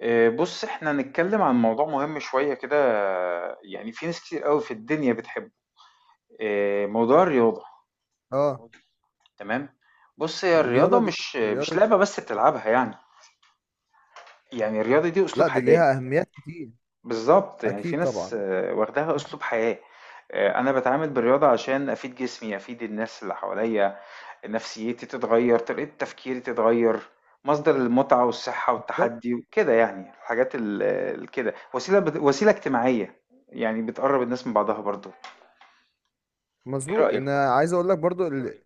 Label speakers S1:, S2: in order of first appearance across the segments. S1: بص احنا هنتكلم عن موضوع مهم شوية كده، يعني في ناس كتير قوي في الدنيا بتحبه. موضوع الرياضة.
S2: اه.
S1: تمام. بص هي
S2: الرياضة
S1: الرياضة
S2: دي
S1: مش
S2: الرياضة دي
S1: لعبة بس بتلعبها يعني. يعني الرياضة دي أسلوب
S2: لا، دي
S1: حياة.
S2: ليها أهميات كتير.
S1: بالضبط، يعني في
S2: أكيد
S1: ناس
S2: طبعا.
S1: واخداها أسلوب حياة. أنا باتعامل بالرياضة عشان أفيد جسمي، أفيد الناس اللي حواليّا، نفسيتي تتغيّر، طريقة تفكيري تتغيّر، مصدر المتعة والصحة
S2: بالظبط.
S1: والتحدي وكده يعني، الحاجات ال الكده، وسيلة اجتماعية، يعني بتقرّب الناس من بعضها برضه. إيه
S2: مظبوط،
S1: رأيك؟
S2: إن عايز أقول لك برضو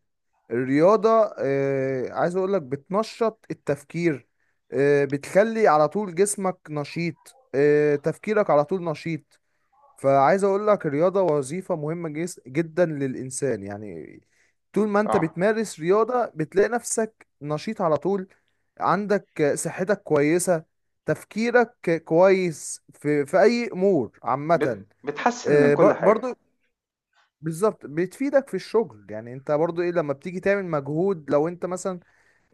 S2: الرياضة. عايز أقول لك بتنشط التفكير، بتخلي على طول جسمك نشيط، تفكيرك على طول نشيط. فعايز اقول لك الرياضة وظيفة مهمة جدا للانسان يعني. طول ما انت
S1: آه،
S2: بتمارس رياضة بتلاقي نفسك نشيط على طول، عندك صحتك كويسة، تفكيرك كويس في اي امور عامة.
S1: بتحسّن من كل حاجة.
S2: برضو بالظبط، بتفيدك في الشغل. يعني انت برضو ايه، لما بتيجي تعمل مجهود لو انت مثلا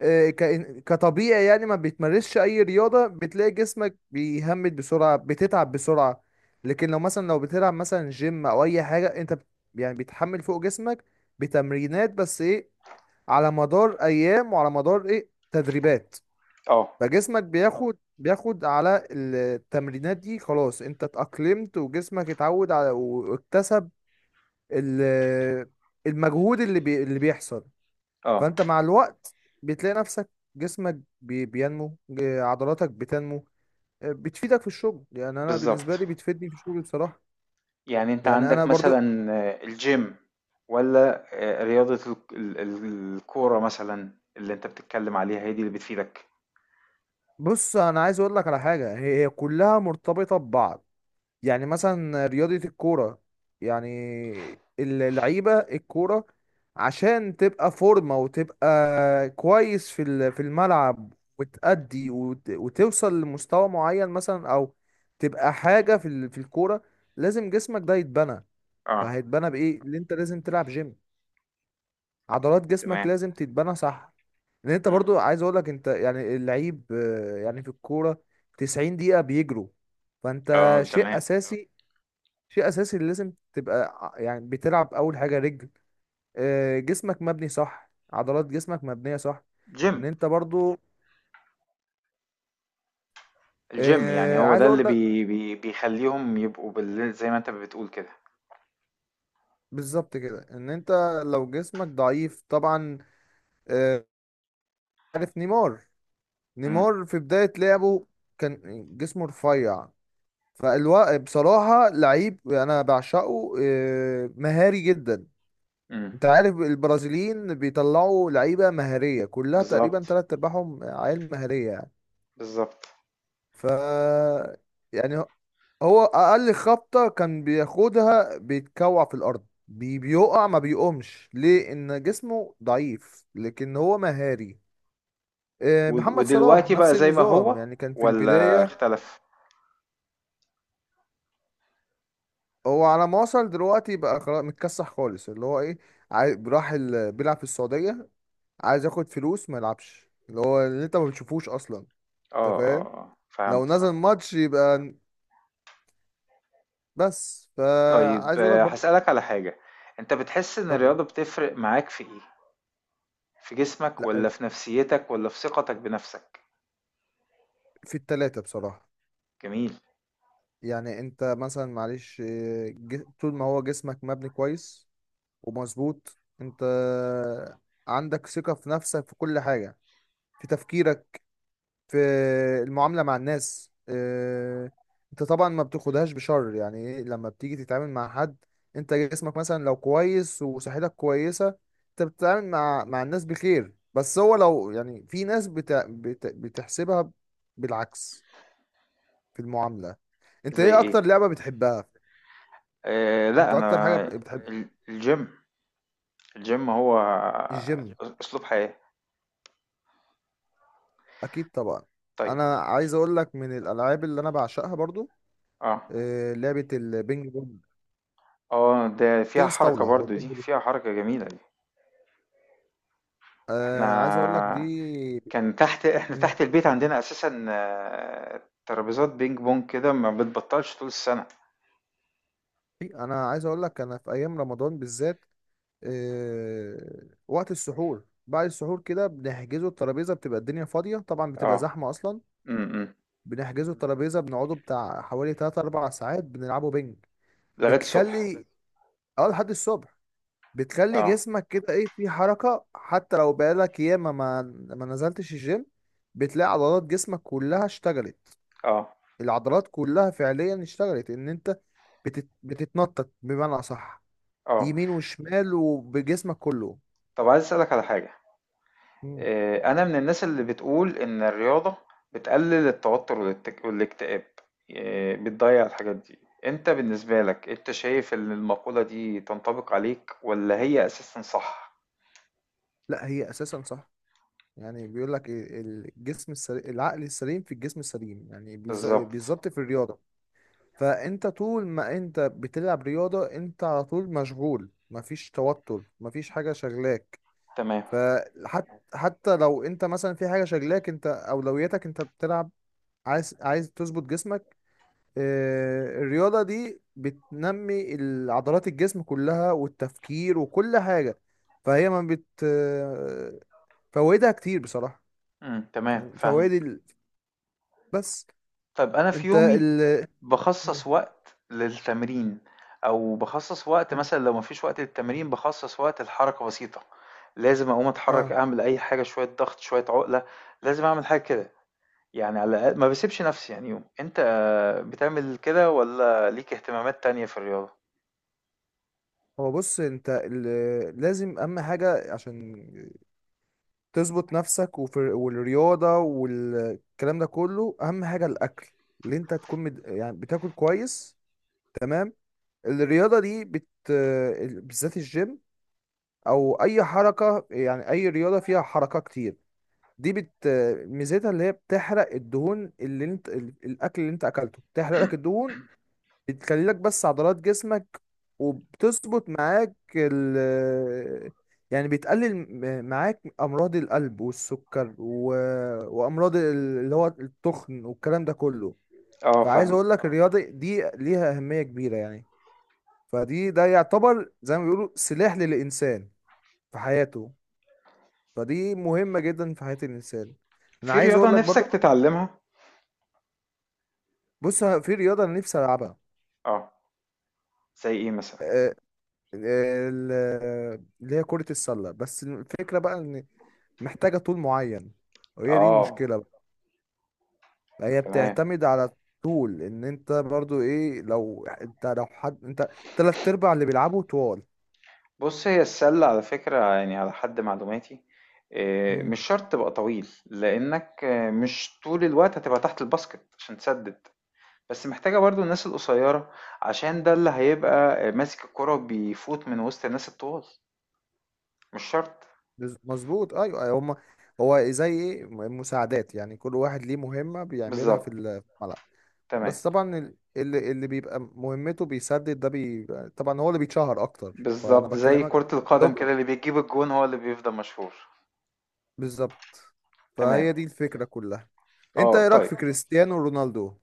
S2: كطبيعي، يعني ما بيتمارسش اي رياضة، بتلاقي جسمك بيهمد بسرعة، بتتعب بسرعة. لكن لو مثلا لو بتلعب مثلا جيم او اي حاجة انت يعني بتحمل فوق جسمك بتمرينات، بس ايه، على مدار ايام وعلى مدار ايه تدريبات.
S1: آه.
S2: فجسمك بياخد على التمرينات دي، خلاص انت اتأقلمت وجسمك اتعود على واكتسب ال- المجهود اللي بيحصل.
S1: آه.
S2: فانت مع الوقت بتلاقي نفسك، جسمك بينمو، عضلاتك بتنمو. بتفيدك في الشغل. يعني انا بالنسبه
S1: بالضبط.
S2: لي بتفيدني في الشغل بصراحه.
S1: يعني انت
S2: يعني انا
S1: عندك
S2: برضو.
S1: مثلا الجيم، ولا رياضة الكورة مثلا اللي انت بتتكلم عليها هي دي اللي بتفيدك؟
S2: بص انا عايز اقول لك على حاجه، هي كلها مرتبطه ببعض. يعني مثلا رياضة الكورة، يعني اللعيبة الكورة، عشان تبقى فورمة وتبقى كويس في في الملعب، وتأدي وتوصل لمستوى معين مثلا، أو تبقى حاجة في في الكورة، لازم جسمك ده يتبنى.
S1: اه
S2: فهيتبنى بإيه؟ اللي أنت لازم تلعب جيم، عضلات جسمك
S1: تمام.
S2: لازم تتبنى، صح. لأن أنت
S1: مم.
S2: برضو عايز أقولك أنت يعني اللعيب، يعني في الكورة 90 دقيقة بيجروا. فأنت
S1: اه
S2: شيء
S1: تمام.
S2: أساسي، شيء اساسي اللي لازم تبقى يعني بتلعب اول حاجه رجل، جسمك مبني صح، عضلات جسمك مبنيه صح، ان
S1: جيم.
S2: انت برضو.
S1: الجيم يعني هو
S2: عايز
S1: ده
S2: اقول
S1: اللي
S2: لك،
S1: بي بي بيخليهم يبقوا بال، زي ما انت بتقول كده.
S2: بالظبط كده ان انت لو جسمك ضعيف طبعا. آه، عارف نيمار؟
S1: مم.
S2: نيمار في بدايه لعبه كان جسمه رفيع. فالوا بصراحه لعيب انا بعشقه، مهاري جدا.
S1: مم.
S2: انت عارف البرازيليين بيطلعوا لعيبه مهاريه كلها تقريبا،
S1: بالظبط.
S2: تلات ارباعهم عيال مهاريه يعني.
S1: بالظبط.
S2: ف يعني هو اقل خبطه كان بياخدها بيتكوع في الارض، بيقع ما بيقومش، ليه؟ ان جسمه ضعيف، لكن هو مهاري. محمد صلاح
S1: ودلوقتي
S2: نفس
S1: بقى زي ما
S2: النظام،
S1: هو،
S2: يعني كان في
S1: ولا
S2: البدايه.
S1: اختلف؟
S2: هو على ما وصل دلوقتي بقى خلاص متكسح خالص، اللي هو ايه، بيلعب في السعوديه، عايز ياخد فلوس ما يلعبش، اللي هو اللي انت ما بتشوفوش اصلا. انت
S1: اه اه
S2: فاهم؟
S1: اه،
S2: لو
S1: فهمت
S2: نزل
S1: فهمت.
S2: ماتش يبقى. بس
S1: طيب
S2: فعايز اقول لك برضه.
S1: هسألك على حاجة. انت بتحس ان
S2: اتفضل.
S1: الرياضة بتفرق معاك في ايه، في جسمك
S2: لا،
S1: والّا في نفسيتك والّا في ثقتك بنفسك؟
S2: في التلاتة بصراحة.
S1: جميل.
S2: يعني انت مثلا معلش، طول ما هو جسمك مبني كويس ومظبوط، انت عندك ثقة في نفسك في كل حاجة، في تفكيرك، في المعاملة مع الناس. انت طبعا ما بتاخدهاش بشر. يعني ايه، لما بتيجي تتعامل مع حد، انت جسمك مثلا لو كويس وصحتك كويسة، انت بتتعامل مع الناس بخير. بس هو لو يعني في ناس بت... بت... بتحسبها بالعكس في المعاملة. انت
S1: زي
S2: ايه اكتر
S1: إيه؟
S2: لعبة بتحبها؟
S1: لأ،
S2: انت اكتر حاجة
S1: أنا
S2: بتحب؟
S1: الgym، الgym هو
S2: الجيم،
S1: أسلوب حياة.
S2: اكيد طبعا.
S1: طيب.
S2: انا عايز اقول لك من الالعاب اللي انا بعشقها برضو،
S1: آه.
S2: لعبة البينج بونج،
S1: آه، ده فيها
S2: تنس
S1: حركة
S2: طاولة او
S1: برضه دي،
S2: بينج بونج.
S1: فيها حركة جميلة دي.
S2: عايز اقول لك
S1: إحنا
S2: دي.
S1: كان تحت إحنا
S2: مم.
S1: تحت البيت عندنا أساسًا ترابيزات بينج بونج كده ما بتبطّلش طول السنة.
S2: انا عايز اقول لك انا في ايام رمضان بالذات، وقت السحور بعد السحور كده، بنحجزوا الترابيزة، بتبقى الدنيا فاضية طبعا، بتبقى
S1: آه.
S2: زحمة أصلا،
S1: إمم، إمم.
S2: بنحجزوا الترابيزة، بنقعدوا بتاع حوالي 3 4 ساعات بنلعبوا بينج.
S1: لغاية الصبح.
S2: بتخلي، اه لحد الصبح. بتخلي
S1: آه.
S2: جسمك كده ايه في حركة، حتى لو بقالك ياما ما ما نزلتش الجيم، بتلاقي عضلات جسمك كلها اشتغلت،
S1: آه.
S2: العضلات كلها فعليا اشتغلت، ان انت بتت... بتتنطط بمعنى اصح
S1: آه.
S2: يمين وشمال وبجسمك كله.
S1: طب عايز أسألك على حاجة.
S2: مم.
S1: أنا من الناس اللي بتقول إن الرياضة بتقلل التوتر والاكتئاب، بتضيع الحاجات دي. أنت بالنسبة لك أنت شايف إن المقولة دي تنطبق عليك ولا هي أساسا صح؟
S2: لا، هي اساسا صح. يعني بيقول لك الجسم السليم، العقل السليم في الجسم السليم. يعني
S1: بالظبط.
S2: بالظبط في الرياضة. فانت طول ما انت بتلعب رياضة انت على طول مشغول، مفيش توتر، مفيش حاجة شغلاك.
S1: تمام.
S2: فحتى حتى لو انت مثلا في حاجة شغلاك، انت اولوياتك انت بتلعب، عايز تظبط جسمك. الرياضة دي بتنمي عضلات الجسم كلها والتفكير وكل حاجة. فهي ما بت آه، فوائدها كتير بصراحة.
S1: مم. تمام
S2: يعني فوائد
S1: فاهمك.
S2: ال... بس
S1: طب أنا في
S2: انت
S1: يومي
S2: ال
S1: بخصص
S2: مم.
S1: وقت للتمرين، أو بخصص وقت مثلا لو مفيش وقت للتمرين بخصص وقت لحركة بسيطة. لازم أقوم أتحرك
S2: اه.
S1: أعمل أي حاجة، شوية ضغط شوية عقلة. لازم أعمل حاجة كده، يعني على الأقل ما باسيبش نفسي يعني يوم. أنت بتعمل كده والّا ليك اهتمامات تانية في الرياضة؟
S2: هو بص انت لازم اهم حاجة عشان تظبط نفسك وفي والرياضة والكلام ده كله، اهم حاجة الاكل، اللي انت تكون مد... يعني بتاكل كويس، تمام. الرياضة دي بت... بالذات الجيم، او اي حركة، يعني اي رياضة فيها حركة كتير، دي بت... ميزتها اللي هي بتحرق الدهون، اللي انت الاكل اللي انت اكلته بتحرق لك الدهون، بتخلي لك بس عضلات جسمك، وبتظبط معاك ال، يعني بتقلل معاك امراض القلب والسكر و... وامراض اللي هو التخن والكلام ده كله.
S1: آه
S2: فعايز
S1: فاهمك.
S2: اقول لك الرياضه دي ليها اهميه كبيره يعني. فدي ده يعتبر زي ما بيقولوا سلاح للانسان في حياته. فدي مهمه جدا في حياه الانسان. انا
S1: في
S2: عايز
S1: رياضة
S2: اقول لك
S1: نِفْسك
S2: برضه،
S1: تتعلمها؟
S2: بص، في رياضه انا نفسي العبها.
S1: آه. زي إيه مثلًا؟
S2: آه، آه، ال- اللي هي كرة السلة، بس الفكرة بقى ان محتاجة طول معين، وهي دي
S1: آه
S2: المشكلة. بقى هي
S1: تمام.
S2: بتعتمد على طول، ان انت برضو ايه، لو انت لو حد انت تلات ارباع اللي بيلعبوا طوال.
S1: بُص هي السلة على فكرة، يعني على حد معلوماتي
S2: مم.
S1: مش شرط تبقى طويل، لإنك مش طول الوقت هتبقى تحت الباسكت عشان تسدد، بس محتاجة برضه الناس القصيرة، عشان ده اللي هيبقى ماسك الكرة وبيفوت من وسط الناس الطوال، مش شرط.
S2: مظبوط، ايوه أيوة. هما، هو زي ايه مساعدات، يعني كل واحد ليه مهمة بيعملها في
S1: بالضبط.
S2: في الملعب.
S1: تمام.
S2: بس طبعا اللي بيبقى مهمته بيسدد ده بيبقى طبعا هو اللي بيتشهر اكتر، فانا
S1: بالظبط زي
S2: بكلمك.
S1: كرة القدم
S2: بالظبط لو-
S1: كده، اللي بيجيب الجون هو اللي بيفضل مشهور.
S2: بالظبط.
S1: تمام.
S2: فهي دي الفكرة كلها. انت
S1: اه
S2: ايه رأيك
S1: طيب.
S2: في كريستيانو رونالدو؟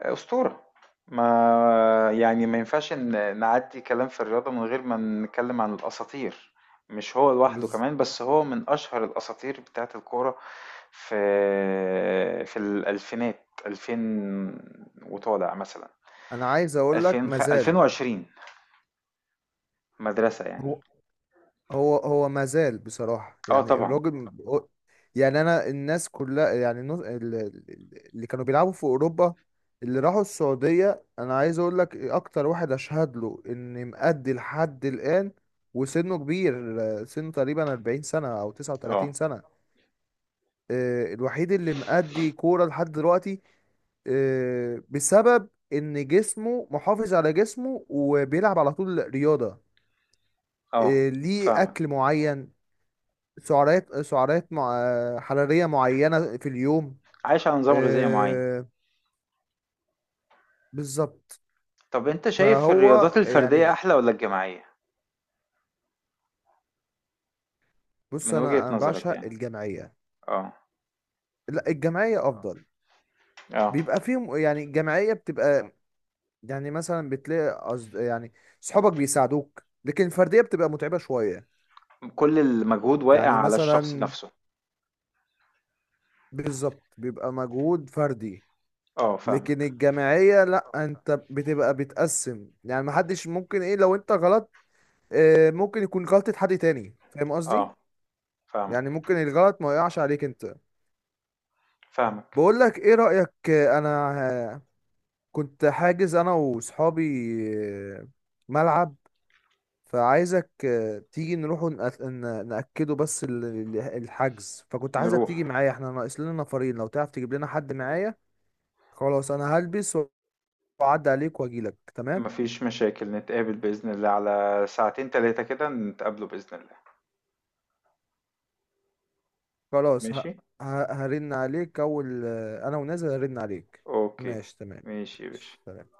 S1: أسطورة. ما يعني ما ينفعش إن نعدي كلام في الرياضة من غير ما نتكلم عن الأساطير. مش هو لوحده كمان، بس هو من أشهر الأساطير بتاعة الكورة في الألفينات، 2000 وطالع مثلا،
S2: انا عايز اقول لك مازال.
S1: 2020، مدرسة يعني.
S2: هو هو مازال بصراحة،
S1: اه
S2: يعني
S1: طبعا.
S2: الراجل يعني انا، الناس كلها يعني اللي كانوا بيلعبوا في اوروبا اللي راحوا السعودية، انا عايز اقول لك اكتر واحد اشهد له ان مأدي لحد الآن وسنه كبير، سنه تقريبا 40 سنة او
S1: اه
S2: 39 سنة. الوحيد اللي مأدي كورة لحد دلوقتي، بسبب ان جسمه محافظ على جسمه وبيلعب على طول رياضة،
S1: اه
S2: ليه
S1: فاهمك.
S2: اكل معين، سعرات حراريه معينه في اليوم.
S1: عايش على نظام غذائي معين.
S2: آه، بالظبط.
S1: طب انت شايف
S2: فهو
S1: الرياضات الفردية
S2: يعني،
S1: احلى ولا الجماعية،
S2: بص
S1: من
S2: انا
S1: وجهة
S2: انا
S1: نظرك
S2: بعشق
S1: يعني؟
S2: الجمعيه.
S1: اه.
S2: لا، الجمعيه افضل.
S1: اه.
S2: بيبقى فيهم يعني الجمعيه بتبقى، يعني مثلا بتلاقي أصد... يعني صحابك بيساعدوك، لكن الفرديه بتبقى متعبه شويه.
S1: كل المجهود واقع
S2: يعني
S1: على الشخص
S2: مثلا،
S1: نفسه.
S2: بالظبط بيبقى مجهود فردي.
S1: اه
S2: لكن
S1: فاهمك.
S2: الجماعية لا، انت بتبقى بتقسم، يعني محدش ممكن ايه لو انت غلط، ممكن يكون غلطة حد تاني، فاهم قصدي؟
S1: اه
S2: يعني
S1: فاهمك.
S2: ممكن الغلط ما يقعش عليك انت.
S1: فاهمك.
S2: بقول لك ايه رأيك، انا آه، كنت حاجز انا وصحابي آه، ملعب، فعايزك تيجي نروح نأكده بس الحجز، فكنت عايزك
S1: نروح.
S2: تيجي معايا، احنا ناقص لنا نفرين لو تعرف تجيب لنا حد معايا. خلاص، انا هلبس واعدي عليك واجيلك، تمام.
S1: مفيش مشاكل، نتقابل بإذن الله على ساعتين تلاتة كده، نتقابلوا بإذن الله.
S2: خلاص
S1: ماشي.
S2: ه... هرن عليك اول، انا ونازل هرن عليك.
S1: اوكي.
S2: ماشي تمام.
S1: ماشي يا
S2: ماشي،
S1: باشا.
S2: سلام.